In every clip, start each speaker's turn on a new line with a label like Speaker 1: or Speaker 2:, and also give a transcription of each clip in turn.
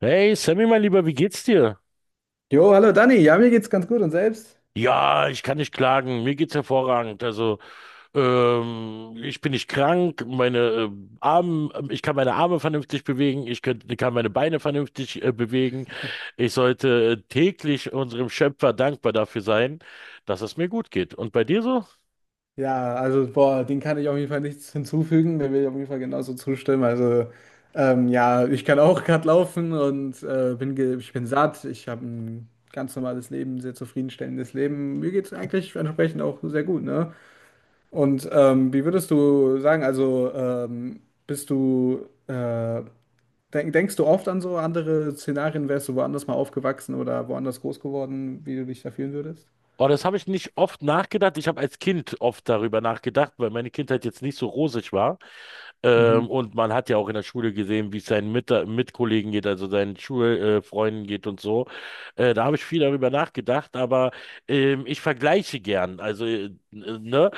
Speaker 1: Hey Sammy, mein Lieber, wie geht's dir?
Speaker 2: Jo, hallo Dani, ja, mir geht's ganz gut und selbst?
Speaker 1: Ja, ich kann nicht klagen. Mir geht's hervorragend. Also, ich bin nicht krank. Meine Arme, ich kann meine Arme vernünftig bewegen. Kann meine Beine vernünftig bewegen. Ich sollte täglich unserem Schöpfer dankbar dafür sein, dass es mir gut geht. Und bei dir so?
Speaker 2: Ja, also, boah, den kann ich auf jeden Fall nichts hinzufügen, der will ich auf jeden Fall genauso zustimmen. Also, ja, ich kann auch gerade laufen und bin ge ich bin satt, ich habe ein ganz normales Leben, sehr zufriedenstellendes Leben. Mir geht's eigentlich entsprechend auch sehr gut, ne? Und wie würdest du sagen, also, bist du, äh, denkst du oft an so andere Szenarien, wärst du woanders mal aufgewachsen oder woanders groß geworden, wie du dich da fühlen würdest?
Speaker 1: Oh, das habe ich nicht oft nachgedacht. Ich habe als Kind oft darüber nachgedacht, weil meine Kindheit jetzt nicht so rosig war.
Speaker 2: Mhm.
Speaker 1: Und man hat ja auch in der Schule gesehen, wie es seinen Mitkollegen geht, also seinen Schulfreunden Freunden geht und so. Da habe ich viel darüber nachgedacht, aber ich vergleiche gern. Also, ne?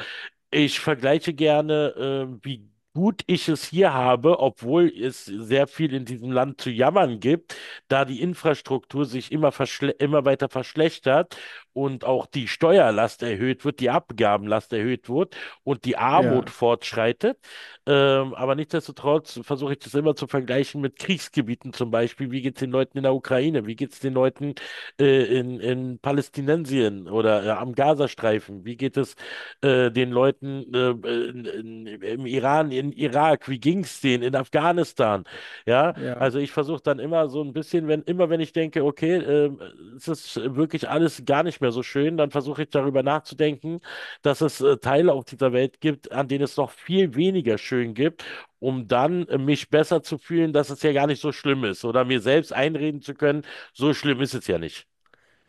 Speaker 1: Ich vergleiche gerne, wie gut ich es hier habe, obwohl es sehr viel in diesem Land zu jammern gibt, da die Infrastruktur sich immer weiter verschlechtert und auch die Steuerlast erhöht wird, die Abgabenlast erhöht wird und die Armut
Speaker 2: Ja.
Speaker 1: fortschreitet. Aber nichtsdestotrotz versuche ich das immer zu vergleichen mit Kriegsgebieten zum Beispiel. Wie geht es den Leuten in der Ukraine? Wie geht es den Leuten in Palästinensien oder am Gazastreifen? Wie geht es den Leuten im Iran, in Irak? Wie ging es denen in Afghanistan? Ja,
Speaker 2: Ja.
Speaker 1: also ich versuche dann immer so ein bisschen, wenn ich denke, okay, es ist wirklich alles gar nicht mehr so schön, dann versuche ich darüber nachzudenken, dass es Teile auf dieser Welt gibt, an denen es noch viel weniger schön gibt, um dann mich besser zu fühlen, dass es ja gar nicht so schlimm ist oder mir selbst einreden zu können, so schlimm ist es ja nicht.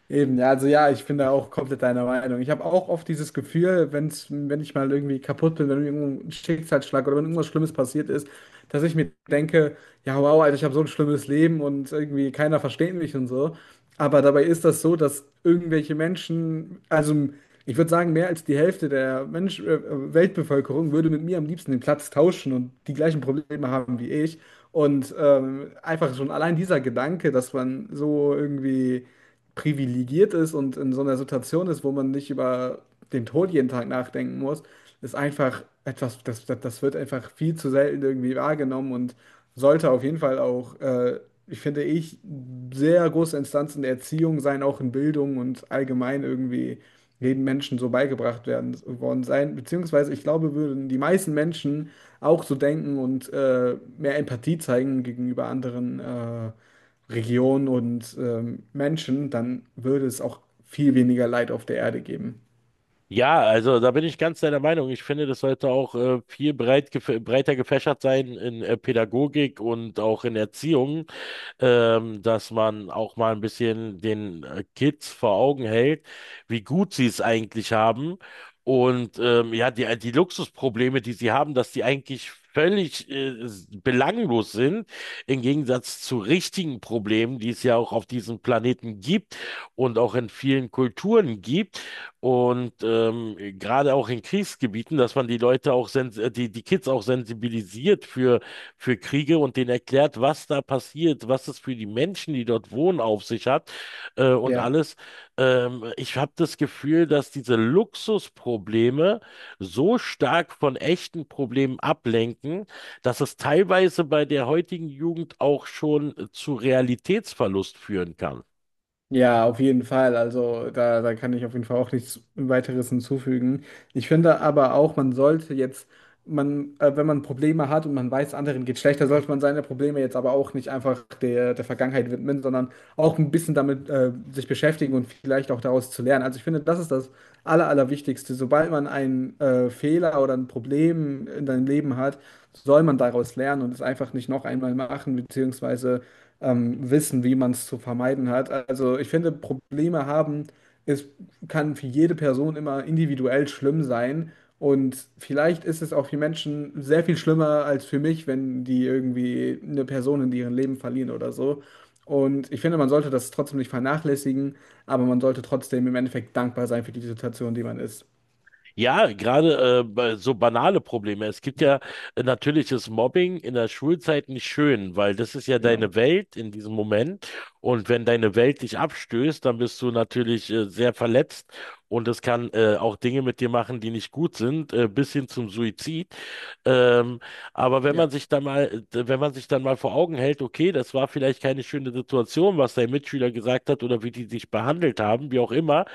Speaker 2: Eben, ja, also ja, ich bin da auch komplett deiner Meinung. Ich habe auch oft dieses Gefühl, wenn ich mal irgendwie kaputt bin, wenn irgendein Schicksalsschlag oder wenn irgendwas Schlimmes passiert ist, dass ich mir denke, ja, wow, Alter, ich habe so ein schlimmes Leben und irgendwie keiner versteht mich und so. Aber dabei ist das so, dass irgendwelche Menschen, also ich würde sagen, mehr als die Hälfte der Weltbevölkerung würde mit mir am liebsten den Platz tauschen und die gleichen Probleme haben wie ich. Und einfach schon allein dieser Gedanke, dass man so irgendwie privilegiert ist und in so einer Situation ist, wo man nicht über den Tod jeden Tag nachdenken muss, ist einfach etwas, das wird einfach viel zu selten irgendwie wahrgenommen und sollte auf jeden Fall auch, ich, sehr große Instanz in der Erziehung sein, auch in Bildung und allgemein irgendwie jedem Menschen so beigebracht werden worden sein. Beziehungsweise ich glaube, würden die meisten Menschen auch so denken und mehr Empathie zeigen gegenüber anderen. Regionen und Menschen, dann würde es auch viel weniger Leid auf der Erde geben.
Speaker 1: Ja, also da bin ich ganz deiner Meinung. Ich finde, das sollte auch viel breiter gefächert sein in Pädagogik und auch in Erziehung, dass man auch mal ein bisschen den Kids vor Augen hält, wie gut sie es eigentlich haben. Und ja, die Luxusprobleme, die sie haben, dass die eigentlich völlig belanglos sind, im Gegensatz zu richtigen Problemen, die es ja auch auf diesem Planeten gibt und auch in vielen Kulturen gibt. Und gerade auch in Kriegsgebieten, dass man die Leute auch, sens die Kids auch sensibilisiert für Kriege und denen erklärt, was da passiert, was es für die Menschen, die dort wohnen, auf sich hat und
Speaker 2: Ja.
Speaker 1: alles. Ich habe das Gefühl, dass diese Luxusprobleme so stark von echten Problemen ablenken, dass es teilweise bei der heutigen Jugend auch schon zu Realitätsverlust führen kann.
Speaker 2: Ja, auf jeden Fall. Also da, da kann ich auf jeden Fall auch nichts weiteres hinzufügen. Ich finde aber auch, man sollte jetzt, man, wenn man Probleme hat und man weiß, anderen geht schlechter, sollte man seine Probleme jetzt aber auch nicht einfach der Vergangenheit widmen, sondern auch ein bisschen damit sich beschäftigen und vielleicht auch daraus zu lernen. Also ich finde, das ist das Allerwichtigste. Sobald man einen Fehler oder ein Problem in seinem Leben hat, soll man daraus lernen und es einfach nicht noch einmal machen, beziehungsweise wissen, wie man es zu vermeiden hat. Also ich finde, Probleme haben, es kann für jede Person immer individuell schlimm sein. Und vielleicht ist es auch für Menschen sehr viel schlimmer als für mich, wenn die irgendwie eine Person in ihrem Leben verlieren oder so. Und ich finde, man sollte das trotzdem nicht vernachlässigen, aber man sollte trotzdem im Endeffekt dankbar sein für die Situation, die man ist.
Speaker 1: Ja, gerade bei- so banale Probleme. Es gibt ja natürlich ist Mobbing in der Schulzeit nicht schön, weil das ist ja
Speaker 2: Genau.
Speaker 1: deine Welt in diesem Moment. Und wenn deine Welt dich abstößt, dann bist du natürlich sehr verletzt und es kann auch Dinge mit dir machen, die nicht gut sind, bis hin zum Suizid. Ähm, aber wenn
Speaker 2: Ja,
Speaker 1: man
Speaker 2: auf
Speaker 1: sich dann mal, wenn man sich dann mal vor Augen hält, okay, das war vielleicht keine schöne Situation, was dein Mitschüler gesagt hat oder wie die dich behandelt haben, wie auch immer.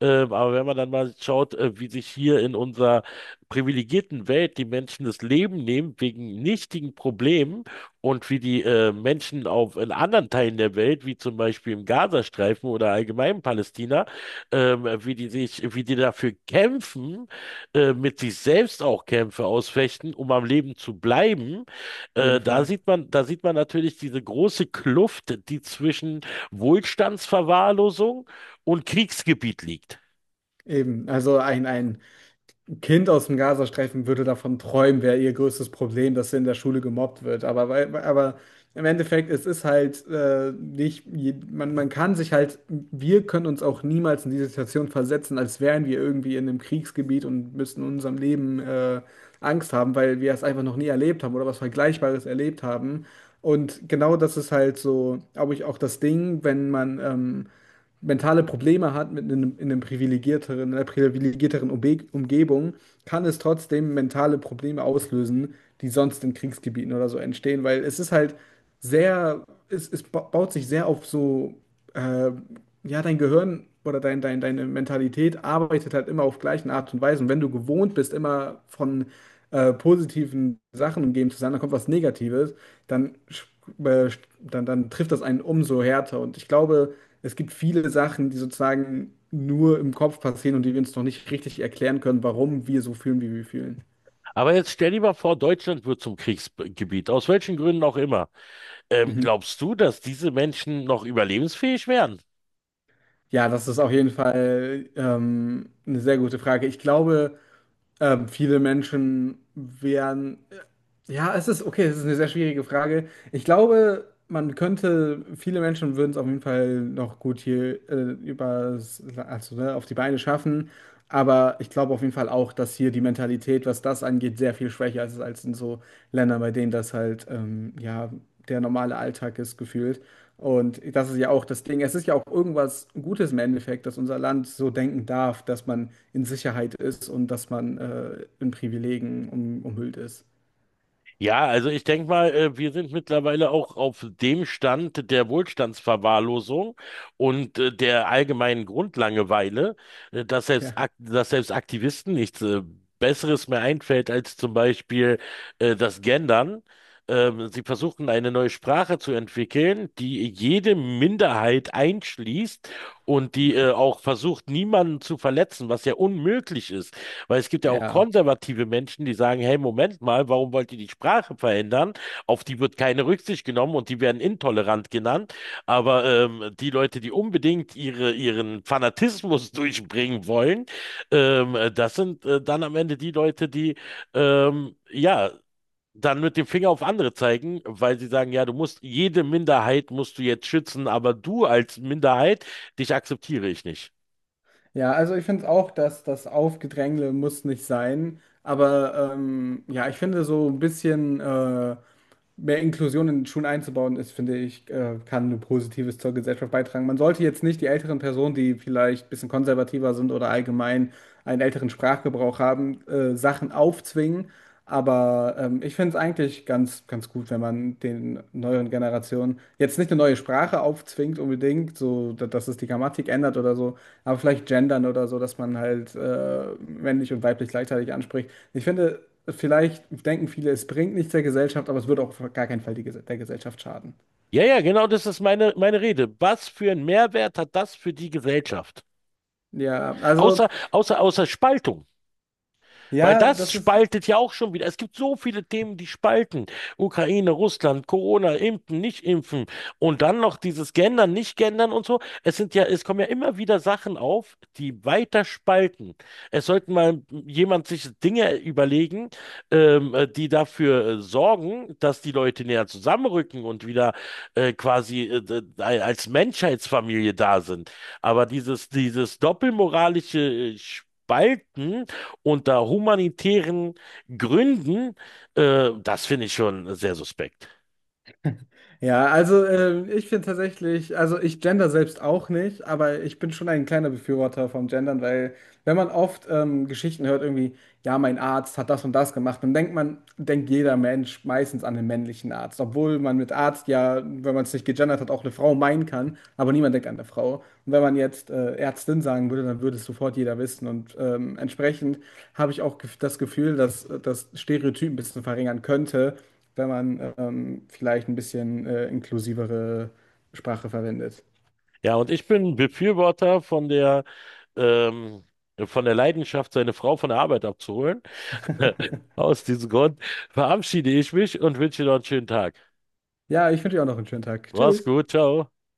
Speaker 1: Aber wenn man dann mal schaut, wie sich hier in unserer privilegierten Welt die Menschen das Leben nehmen wegen nichtigen Problemen und wie die Menschen in anderen Teilen der Welt, wie zum Beispiel im Gazastreifen oder allgemein in Palästina, wie die dafür kämpfen, mit sich selbst auch Kämpfe ausfechten, um am Leben zu bleiben,
Speaker 2: jeden Fall.
Speaker 1: da sieht man natürlich diese große Kluft, die zwischen Wohlstandsverwahrlosung und Kriegsgebiet liegt.
Speaker 2: Eben. Ein Kind aus dem Gazastreifen würde davon träumen, wäre ihr größtes Problem, dass sie in der Schule gemobbt wird. Aber im Endeffekt, es ist halt nicht, je- man kann sich halt, wir können uns auch niemals in diese Situation versetzen, als wären wir irgendwie in einem Kriegsgebiet und müssten in unserem Leben Angst haben, weil wir es einfach noch nie erlebt haben oder was Vergleichbares erlebt haben. Und genau das ist halt so, glaube ich, auch das Ding, wenn man mentale Probleme hat in einem privilegierteren, in einer privilegierteren Umbe Umgebung, kann es trotzdem mentale Probleme auslösen, die sonst in Kriegsgebieten oder so entstehen, weil es ist halt sehr, baut sich sehr auf so, äh, ja, dein Gehirn oder deine Mentalität arbeitet halt immer auf gleichen Art und Weise. Und wenn du gewohnt bist, immer von positiven Sachen umgeben zu sein, dann kommt was Negatives, dann, sch- äh, dann trifft das einen umso härter. Und ich glaube, es gibt viele Sachen, die sozusagen nur im Kopf passieren und die wir uns noch nicht richtig erklären können, warum wir so fühlen, wie wir fühlen.
Speaker 1: Aber jetzt stell dir mal vor, Deutschland wird zum Kriegsgebiet, aus welchen Gründen auch immer.
Speaker 2: Mhm.
Speaker 1: Glaubst du, dass diese Menschen noch überlebensfähig wären?
Speaker 2: Ja, das ist auf jeden Fall eine sehr gute Frage. Ich glaube, viele Menschen wären ja, es ist okay, es ist eine sehr schwierige Frage. Ich glaube, viele Menschen würden es auf jeden Fall noch gut hier also, ne, auf die Beine schaffen. Aber ich glaube auf jeden Fall auch, dass hier die Mentalität, was das angeht, sehr viel schwächer ist als in so Ländern, bei denen das halt ja der normale Alltag ist, gefühlt. Und das ist ja auch das Ding. Es ist ja auch irgendwas Gutes im Endeffekt, dass unser Land so denken darf, dass man in Sicherheit ist und dass man in Privilegien umhüllt ist.
Speaker 1: Ja, also ich denke mal, wir sind mittlerweile auch auf dem Stand der Wohlstandsverwahrlosung und der allgemeinen Grundlangeweile, dass selbst,
Speaker 2: Ja.
Speaker 1: Ak dass selbst Aktivisten nichts Besseres mehr einfällt als zum Beispiel das Gendern. Sie versuchen eine neue Sprache zu entwickeln, die jede Minderheit einschließt und die auch versucht, niemanden zu verletzen, was ja unmöglich ist. Weil es gibt ja auch
Speaker 2: Ja,
Speaker 1: konservative Menschen, die sagen, hey, Moment mal, warum wollt ihr die Sprache verändern? Auf die wird keine Rücksicht genommen und die werden intolerant genannt. Aber die Leute, die unbedingt ihren Fanatismus durchbringen wollen, das sind dann am Ende die Leute, die ähm, ja dann mit dem Finger auf andere zeigen, weil sie sagen, ja, du musst jede Minderheit musst du jetzt schützen, aber du als Minderheit, dich akzeptiere ich nicht.
Speaker 2: ja, also ich finde auch, dass das Aufgedrängle muss nicht sein, aber ja, ich finde so ein bisschen mehr Inklusion in Schulen einzubauen ist, finde ich, kann nur Positives zur Gesellschaft beitragen. Man sollte jetzt nicht die älteren Personen, die vielleicht ein bisschen konservativer sind oder allgemein einen älteren Sprachgebrauch haben, Sachen aufzwingen, aber ich finde es eigentlich ganz, ganz gut, wenn man den neueren Generationen jetzt nicht eine neue Sprache aufzwingt unbedingt, so dass es die Grammatik ändert oder so. Aber vielleicht gendern oder so, dass man halt männlich und weiblich gleichzeitig anspricht. Ich finde, vielleicht denken viele, es bringt nichts der Gesellschaft, aber es würde auch auf gar keinen Fall der Gesellschaft schaden.
Speaker 1: Ja, ja, genau das ist meine Rede. Was für einen Mehrwert hat das für die Gesellschaft?
Speaker 2: Ja, also,
Speaker 1: Außer Spaltung. Weil
Speaker 2: ja,
Speaker 1: das
Speaker 2: das ist
Speaker 1: spaltet ja auch schon wieder. Es gibt so viele Themen, die spalten. Ukraine, Russland, Corona, impfen, nicht impfen und dann noch dieses Gendern, nicht Gendern und so. Es kommen ja immer wieder Sachen auf, die weiter spalten. Es sollten mal jemand sich Dinge überlegen, die dafür sorgen, dass die Leute näher zusammenrücken und wieder quasi als Menschheitsfamilie da sind. Aber dieses doppelmoralische Spalten, unter humanitären Gründen, das finde ich schon sehr suspekt.
Speaker 2: Ja, also ich finde tatsächlich, also ich gender selbst auch nicht, aber ich bin schon ein kleiner Befürworter vom Gendern, weil wenn man oft Geschichten hört, irgendwie, ja, mein Arzt hat das und das gemacht, denkt jeder Mensch meistens an den männlichen Arzt, obwohl man mit Arzt ja, wenn man es nicht gegendert hat, auch eine Frau meinen kann, aber niemand denkt an eine Frau. Und wenn man jetzt Ärztin sagen würde, dann würde es sofort jeder wissen und entsprechend habe ich auch das Gefühl, dass das Stereotyp ein bisschen verringern könnte, wenn man vielleicht ein bisschen inklusivere Sprache verwendet.
Speaker 1: Ja, und ich bin Befürworter ähm, von der Leidenschaft, seine Frau von der Arbeit abzuholen. Aus diesem Grund verabschiede ich mich und wünsche dir noch einen schönen Tag.
Speaker 2: Ja, ich wünsche dir auch noch einen schönen Tag.
Speaker 1: Mach's
Speaker 2: Tschüss.
Speaker 1: gut, ciao.